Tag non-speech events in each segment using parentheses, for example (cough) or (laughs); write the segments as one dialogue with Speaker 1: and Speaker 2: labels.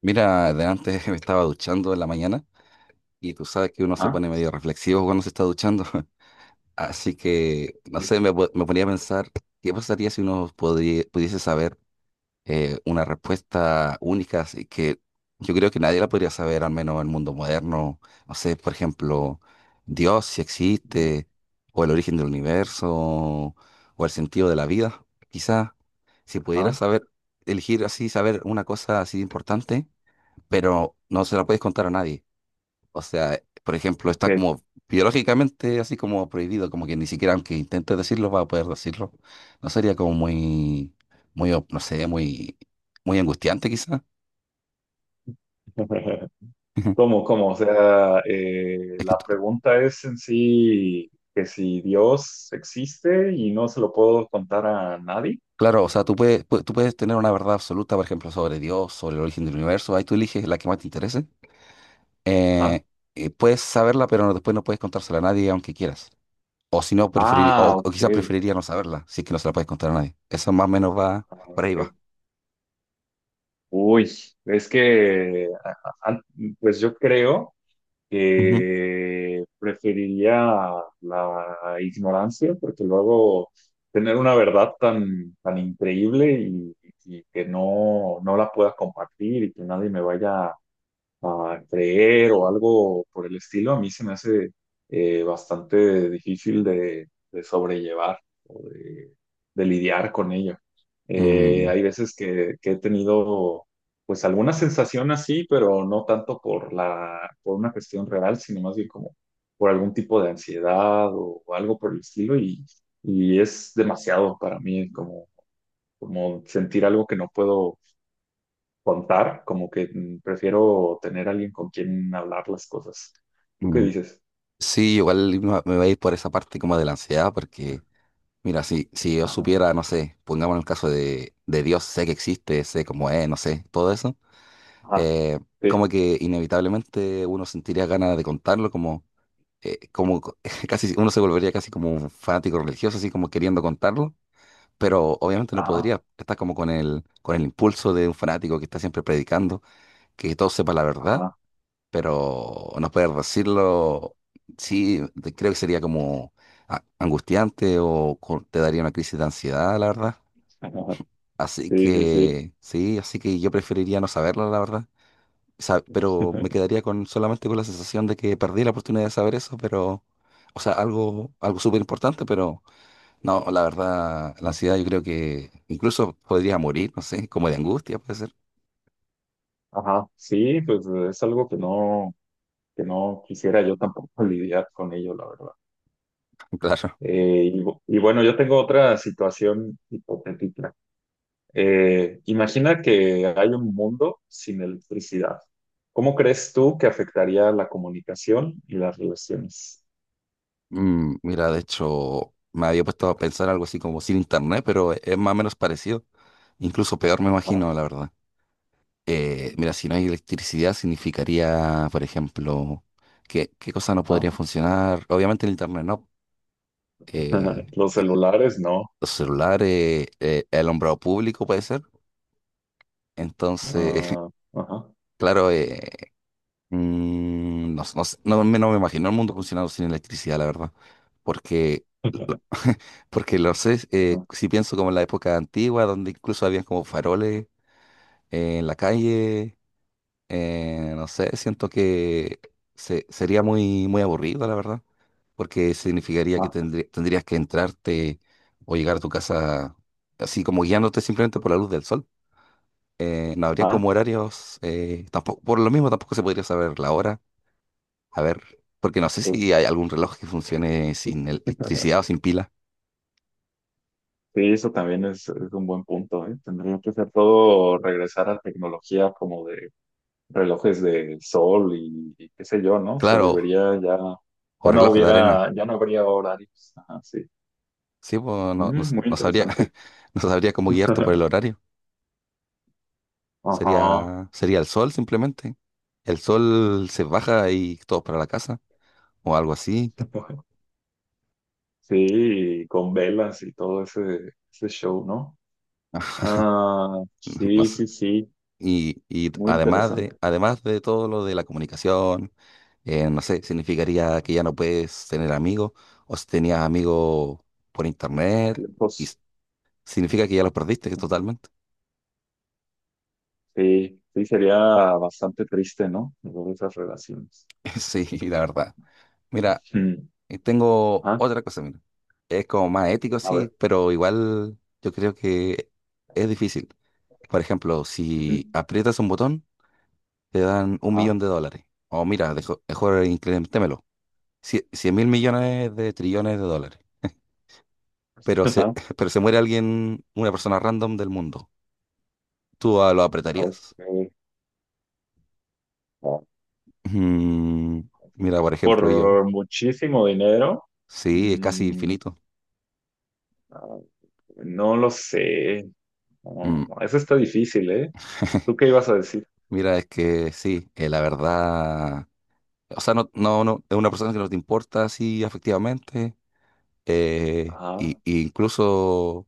Speaker 1: Mira, de antes (laughs) me estaba duchando en la mañana y tú sabes que uno se
Speaker 2: Ah,
Speaker 1: pone medio reflexivo cuando se está duchando. (laughs) Así que, no sé, me ponía a pensar, ¿qué pasaría si uno pudiese saber una respuesta única así que yo creo que nadie la podría saber, al menos en el mundo moderno? No sé, por ejemplo, Dios si
Speaker 2: ujú.
Speaker 1: existe, o el origen del universo, o el sentido de la vida. Quizá si pudiera
Speaker 2: ah,
Speaker 1: saber, elegir así, saber una cosa así importante, pero no se la puedes contar a nadie. O sea, por ejemplo, está
Speaker 2: ok.
Speaker 1: como biológicamente así como prohibido, como que ni siquiera aunque intentes decirlo, vas a poder decirlo. No sería como muy, muy, no sé, muy, muy angustiante quizás.
Speaker 2: (laughs)
Speaker 1: (laughs)
Speaker 2: ¿Cómo, cómo? O sea,
Speaker 1: Es
Speaker 2: la
Speaker 1: que,
Speaker 2: pregunta es en sí que si Dios existe y no se lo puedo contar a nadie.
Speaker 1: claro, o sea, tú puedes tener una verdad absoluta, por ejemplo, sobre Dios, sobre el origen del universo, ahí tú eliges la que más te interese.
Speaker 2: Ajá.
Speaker 1: Eh, puedes saberla, pero después no puedes contársela a nadie aunque quieras. O si no, preferir, o,
Speaker 2: Ah,
Speaker 1: o
Speaker 2: ok.
Speaker 1: quizás preferiría no saberla, si es que no se la puedes contar a nadie. Eso más o menos va,
Speaker 2: Ah,
Speaker 1: por ahí
Speaker 2: ok.
Speaker 1: va.
Speaker 2: Uy, es que, a- pues yo creo.
Speaker 1: Ujú.
Speaker 2: Preferiría la ignorancia, porque luego tener una verdad tan, tan increíble y, y que no la pueda compartir y que nadie me vaya a creer o algo por el estilo. A mí se me hace bastante difícil de sobrellevar o de lidiar con ello.
Speaker 1: Mm,
Speaker 2: Hay veces que he tenido pues alguna sensación así, pero no tanto por la, por una cuestión real, sino más bien como por algún tipo de ansiedad o algo por el estilo, y es demasiado para mí, como, como sentir algo que no puedo contar. Prefiero tener alguien con quien hablar las cosas. ¿Tú qué
Speaker 1: mm.
Speaker 2: dices?
Speaker 1: Sí, igual me va a ir por esa parte como de la ansiedad, porque mira, si yo
Speaker 2: Ajá,
Speaker 1: supiera, no sé, pongamos el caso de Dios, sé que existe, sé cómo es, no sé, todo eso,
Speaker 2: ajá,
Speaker 1: eh,
Speaker 2: sí,
Speaker 1: como que inevitablemente uno sentiría ganas de contarlo, eh, como co- (laughs) casi uno se volvería casi como un fanático religioso, así como queriendo contarlo, pero obviamente no
Speaker 2: ajá,
Speaker 1: podría, estás como con el, impulso de un fanático que está siempre predicando, que todo sepa la verdad,
Speaker 2: ajá,
Speaker 1: pero no poder decirlo. Sí, creo que sería como angustiante o te daría una crisis de ansiedad, la verdad.
Speaker 2: ajá,
Speaker 1: Así
Speaker 2: sí, sí,
Speaker 1: que, sí, así que yo preferiría no saberlo, la verdad. Sa-
Speaker 2: sí.
Speaker 1: pero me
Speaker 2: (laughs)
Speaker 1: quedaría con solamente con la sensación de que perdí la oportunidad de saber eso, pero, o sea, algo súper importante, pero no, la verdad, la ansiedad yo creo que incluso podría morir, no sé, como de angustia, puede ser.
Speaker 2: Ajá, sí, pues es algo que no quisiera yo tampoco (laughs) lidiar con ello, la verdad.
Speaker 1: (laughs) Claro.
Speaker 2: Y bueno, yo tengo otra situación hipotética. Imagina que hay un mundo sin electricidad. ¿Cómo crees tú que afectaría la comunicación y las relaciones?
Speaker 1: Mira, de hecho, me había puesto a pensar algo así como sin internet, pero es más o menos parecido. Incluso peor, me imagino, la verdad. Mira, si no hay electricidad, significaría, por ejemplo, que, qué cosa no
Speaker 2: Ajá.
Speaker 1: podría funcionar. Obviamente el internet no. Eh,
Speaker 2: (laughs) Los celulares, no.
Speaker 1: los celulares, el alumbrado público puede ser. Entonces,
Speaker 2: Ah, ajá.
Speaker 1: (laughs) claro, no me imagino el mundo funcionando sin electricidad, la verdad. Porque
Speaker 2: (laughs)
Speaker 1: porque lo sé. Si pienso como en la época antigua, donde incluso habían como faroles en la calle, no sé, siento que sería muy, muy aburrido, la verdad, porque significaría que
Speaker 2: Ajá,
Speaker 1: tendrías que entrarte o llegar a tu casa así como guiándote simplemente por la luz del sol. No habría
Speaker 2: ajá.
Speaker 1: como horarios, tampoco, por lo mismo tampoco se podría saber la hora, a ver, porque no sé
Speaker 2: Sí.
Speaker 1: si hay algún reloj que funcione sin
Speaker 2: (laughs)
Speaker 1: electricidad o sin pila.
Speaker 2: Sí, eso también es un buen punto, ¿eh? Tendría que ser todo regresar a tecnología como de relojes de sol y qué sé yo, ¿no? Se
Speaker 1: Claro,
Speaker 2: volvería ya,
Speaker 1: o
Speaker 2: ya no
Speaker 1: reloj de arena.
Speaker 2: hubiera, ya no habría horarios. Ajá, sí.
Speaker 1: Sí, pues no, no,
Speaker 2: Mm, muy
Speaker 1: no sabría,
Speaker 2: interesante.
Speaker 1: (laughs) no sabría cómo guiarte por el
Speaker 2: (laughs)
Speaker 1: horario.
Speaker 2: Ajá.
Speaker 1: Sería el sol simplemente. El sol se baja y todos para la casa o algo así. (laughs)
Speaker 2: (laughs) Sí, con velas y todo ese, ese show, ¿no? Ah,
Speaker 1: No, no
Speaker 2: sí,
Speaker 1: sé.
Speaker 2: sí, sí.
Speaker 1: Y
Speaker 2: Muy
Speaker 1: además de,
Speaker 2: interesante.
Speaker 1: además de todo lo de la comunicación, no sé, significaría que ya no puedes tener amigos o si tenías amigos por internet, y
Speaker 2: Lejos.
Speaker 1: significa que ya los perdiste
Speaker 2: Ajá.
Speaker 1: totalmente.
Speaker 2: Sí, sí, sería bastante triste, ¿no? Luego esas relaciones.
Speaker 1: (laughs) Sí, la verdad. Mira,
Speaker 2: Mm.
Speaker 1: y tengo
Speaker 2: Ah,
Speaker 1: otra cosa, mira. Es como más ético,
Speaker 2: a ver.
Speaker 1: sí, pero igual yo creo que es difícil. Por ejemplo,
Speaker 2: Ujú.
Speaker 1: si aprietas un botón, te dan un
Speaker 2: Ah.
Speaker 1: millón de dólares. O mira, mejor incrementémelo. Cien mil millones de trillones de dólares.
Speaker 2: (laughs)
Speaker 1: Pero se,
Speaker 2: Ajá.
Speaker 1: (laughs) pero se muere alguien, una persona random del mundo. ¿Tú lo apretarías?
Speaker 2: Ok. Ah.
Speaker 1: Mm, mira, por ejemplo, yo.
Speaker 2: Por muchísimo dinero.
Speaker 1: Sí, es casi
Speaker 2: Mm,
Speaker 1: infinito.
Speaker 2: ah, no lo sé.
Speaker 1: Mm,
Speaker 2: Ah, eso está difícil, ¿eh?
Speaker 1: (laughs)
Speaker 2: ¿Tú qué ibas a decir?
Speaker 1: Mira, es que sí, la verdad. O sea, no, no, no, es una persona que no te importa así afectivamente.
Speaker 2: Ah,
Speaker 1: Y incluso,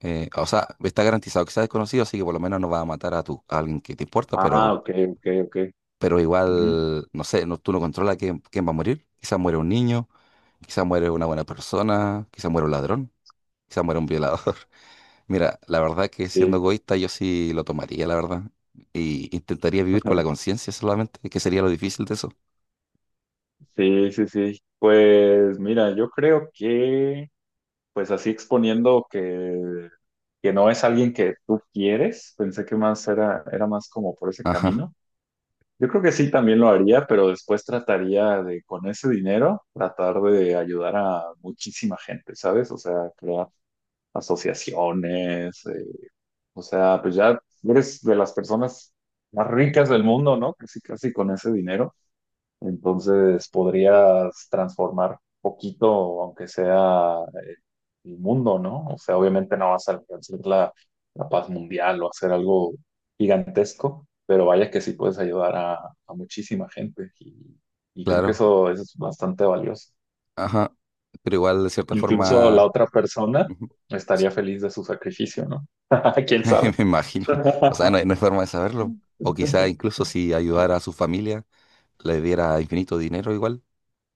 Speaker 1: o sea, está garantizado que sea desconocido, así que por lo menos no va a matar a alguien que te importa,
Speaker 2: ah, ok, ok, ok.
Speaker 1: pero
Speaker 2: Ujú.
Speaker 1: igual, no sé, no, tú no controlas quién, va a morir. Quizás muere un niño, quizás muere una buena persona, quizás muere un ladrón, quizás muere un violador. (laughs) Mira, la verdad que siendo
Speaker 2: Sí.
Speaker 1: egoísta yo sí lo tomaría, la verdad. Y intentaría vivir con la
Speaker 2: (laughs)
Speaker 1: conciencia solamente, que sería lo difícil de eso.
Speaker 2: Sí, sí, sí. Pues mira, yo creo que pues así exponiendo que no es alguien que tú quieres, pensé que más era, era más como por ese
Speaker 1: Ajá,
Speaker 2: camino. Yo creo que sí también lo haría, pero después trataría de, con ese dinero, tratar de ayudar a muchísima gente, ¿sabes? O sea, crear asociaciones. O sea, pues ya eres de las personas más ricas del mundo, ¿no? Casi, casi con ese dinero. Entonces podrías transformar poquito, aunque sea, el mundo, ¿no? O sea, obviamente no vas a alcanzar la, la paz mundial o hacer algo gigantesco, pero vaya que sí puedes ayudar a muchísima gente, y creo que
Speaker 1: claro.
Speaker 2: eso es bastante valioso.
Speaker 1: Ajá, pero igual de cierta
Speaker 2: Incluso la
Speaker 1: forma,
Speaker 2: otra persona
Speaker 1: ujú,
Speaker 2: estaría feliz de su sacrificio, ¿no? (laughs) ¿Quién
Speaker 1: (laughs)
Speaker 2: sabe?
Speaker 1: me imagino, o sea, no hay,
Speaker 2: (laughs)
Speaker 1: no hay forma de saberlo, o quizá incluso si ayudara a su familia, le diera infinito dinero igual,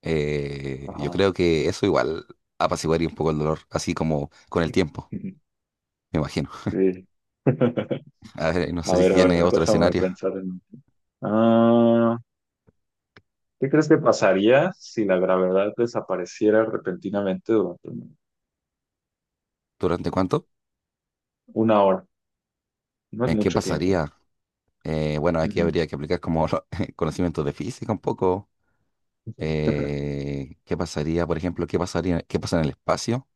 Speaker 1: yo
Speaker 2: Ajá.
Speaker 1: creo que eso igual apaciguaría un poco el dolor, así como con el tiempo, me imagino.
Speaker 2: Sí. (laughs)
Speaker 1: A ver, no sé si
Speaker 2: A
Speaker 1: tiene
Speaker 2: ver,
Speaker 1: otro
Speaker 2: déjame
Speaker 1: escenario,
Speaker 2: pensar en... Ah, ¿qué crees que pasaría si la gravedad desapareciera repentinamente durante
Speaker 1: ¿durante cuánto?
Speaker 2: una hora? No es
Speaker 1: ¿En qué
Speaker 2: mucho tiempo.
Speaker 1: pasaría? Bueno, aquí
Speaker 2: Ujú.
Speaker 1: habría que aplicar como (laughs) conocimientos de física un poco. ¿Qué pasaría, por ejemplo, qué pasaría, qué pasa en el espacio?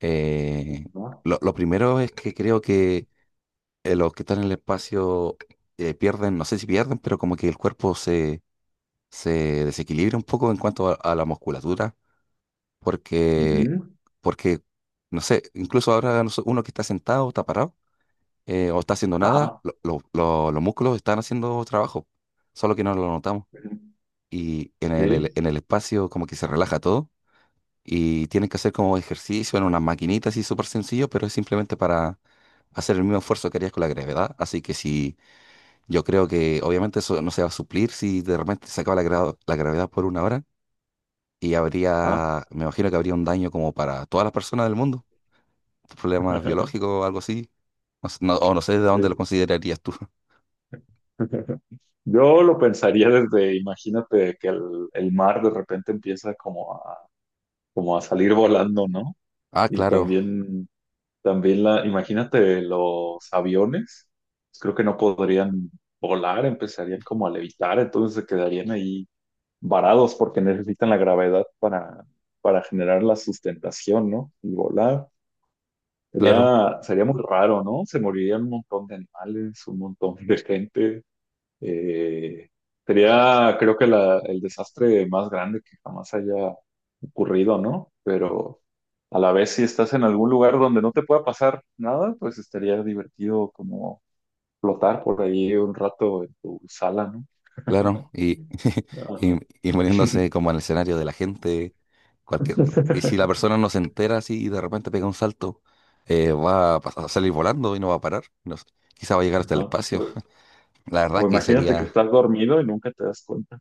Speaker 1: Eh,
Speaker 2: ¿No?
Speaker 1: lo primero es que creo que los que están en el espacio pierden, no sé si pierden, pero como que el cuerpo se, se desequilibra un poco en cuanto a la musculatura, porque,
Speaker 2: Ujú.
Speaker 1: porque, no sé, incluso ahora no sé, uno que está sentado, está parado, o está haciendo nada,
Speaker 2: Ajá.
Speaker 1: los músculos están haciendo trabajo, solo que no lo notamos.
Speaker 2: Ujú.
Speaker 1: Y en
Speaker 2: Sí.
Speaker 1: en el espacio como que se relaja todo y tienen que hacer como ejercicio en unas maquinitas y súper sencillo, pero es simplemente para hacer el mismo esfuerzo que harías con la gravedad. Así que si yo creo que obviamente eso no se va a suplir si de repente se acaba la gravedad por una hora, y
Speaker 2: Ah.
Speaker 1: habría, me imagino que habría un daño como para todas las personas del mundo, problemas
Speaker 2: (laughs)
Speaker 1: biológicos o algo así. No sé de dónde lo
Speaker 2: Sí.
Speaker 1: considerarías tú. (laughs)
Speaker 2: (laughs) Yo lo pensaría desde, imagínate que el mar de repente empieza como a, como a salir volando, ¿no?
Speaker 1: Ah,
Speaker 2: Y
Speaker 1: claro,
Speaker 2: también también la, imagínate los aviones, creo que no podrían volar, empezarían como a levitar, entonces se quedarían ahí varados porque necesitan la gravedad para generar la sustentación, ¿no? Y volar.
Speaker 1: claro.
Speaker 2: Sería, sería muy raro, ¿no? Se morirían un montón de animales, un montón (laughs) de gente. Eh, Sería, creo que el desastre más grande que jamás haya ocurrido, ¿no? Pero a la vez si estás en algún lugar donde no te pueda pasar nada, pues estaría divertido como flotar por ahí un rato en tu sala, ¿no?
Speaker 1: Claro, (laughs) y,
Speaker 2: Ajá.
Speaker 1: y poniéndose como en el escenario de la gente, cualquier, y si la
Speaker 2: (laughs)
Speaker 1: persona no se entera así y de repente pega un salto, va a, a salir volando y no va a parar, no sé, quizá va a llegar hasta el
Speaker 2: Ajá.
Speaker 1: espacio. (laughs) La
Speaker 2: O
Speaker 1: verdad que
Speaker 2: imagínate que
Speaker 1: sería,
Speaker 2: estás dormido y nunca te das cuenta.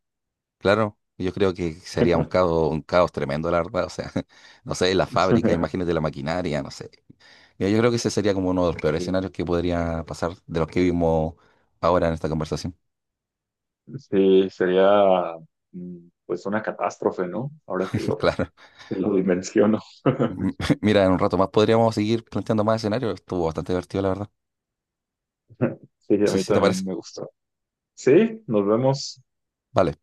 Speaker 1: claro, yo creo que sería
Speaker 2: (laughs)
Speaker 1: un caos tremendo, la verdad, o sea, (laughs) no sé, la fábrica, imagínate la maquinaria, no sé. Yo creo que ese sería como uno de los peores
Speaker 2: Sí,
Speaker 1: escenarios que podría pasar de los que vimos ahora en esta conversación,
Speaker 2: sí, sería, mm, pues una catástrofe, ¿no? Ahora
Speaker 1: (laughs) claro.
Speaker 2: que lo dimensiono.
Speaker 1: M- (laughs) Mira, en un rato más podríamos seguir planteando más escenarios. Estuvo bastante divertido, la verdad.
Speaker 2: (laughs) Sí,
Speaker 1: No
Speaker 2: a
Speaker 1: sé
Speaker 2: mí
Speaker 1: si te parece.
Speaker 2: también me gustó. Sí, nos vemos.
Speaker 1: Vale.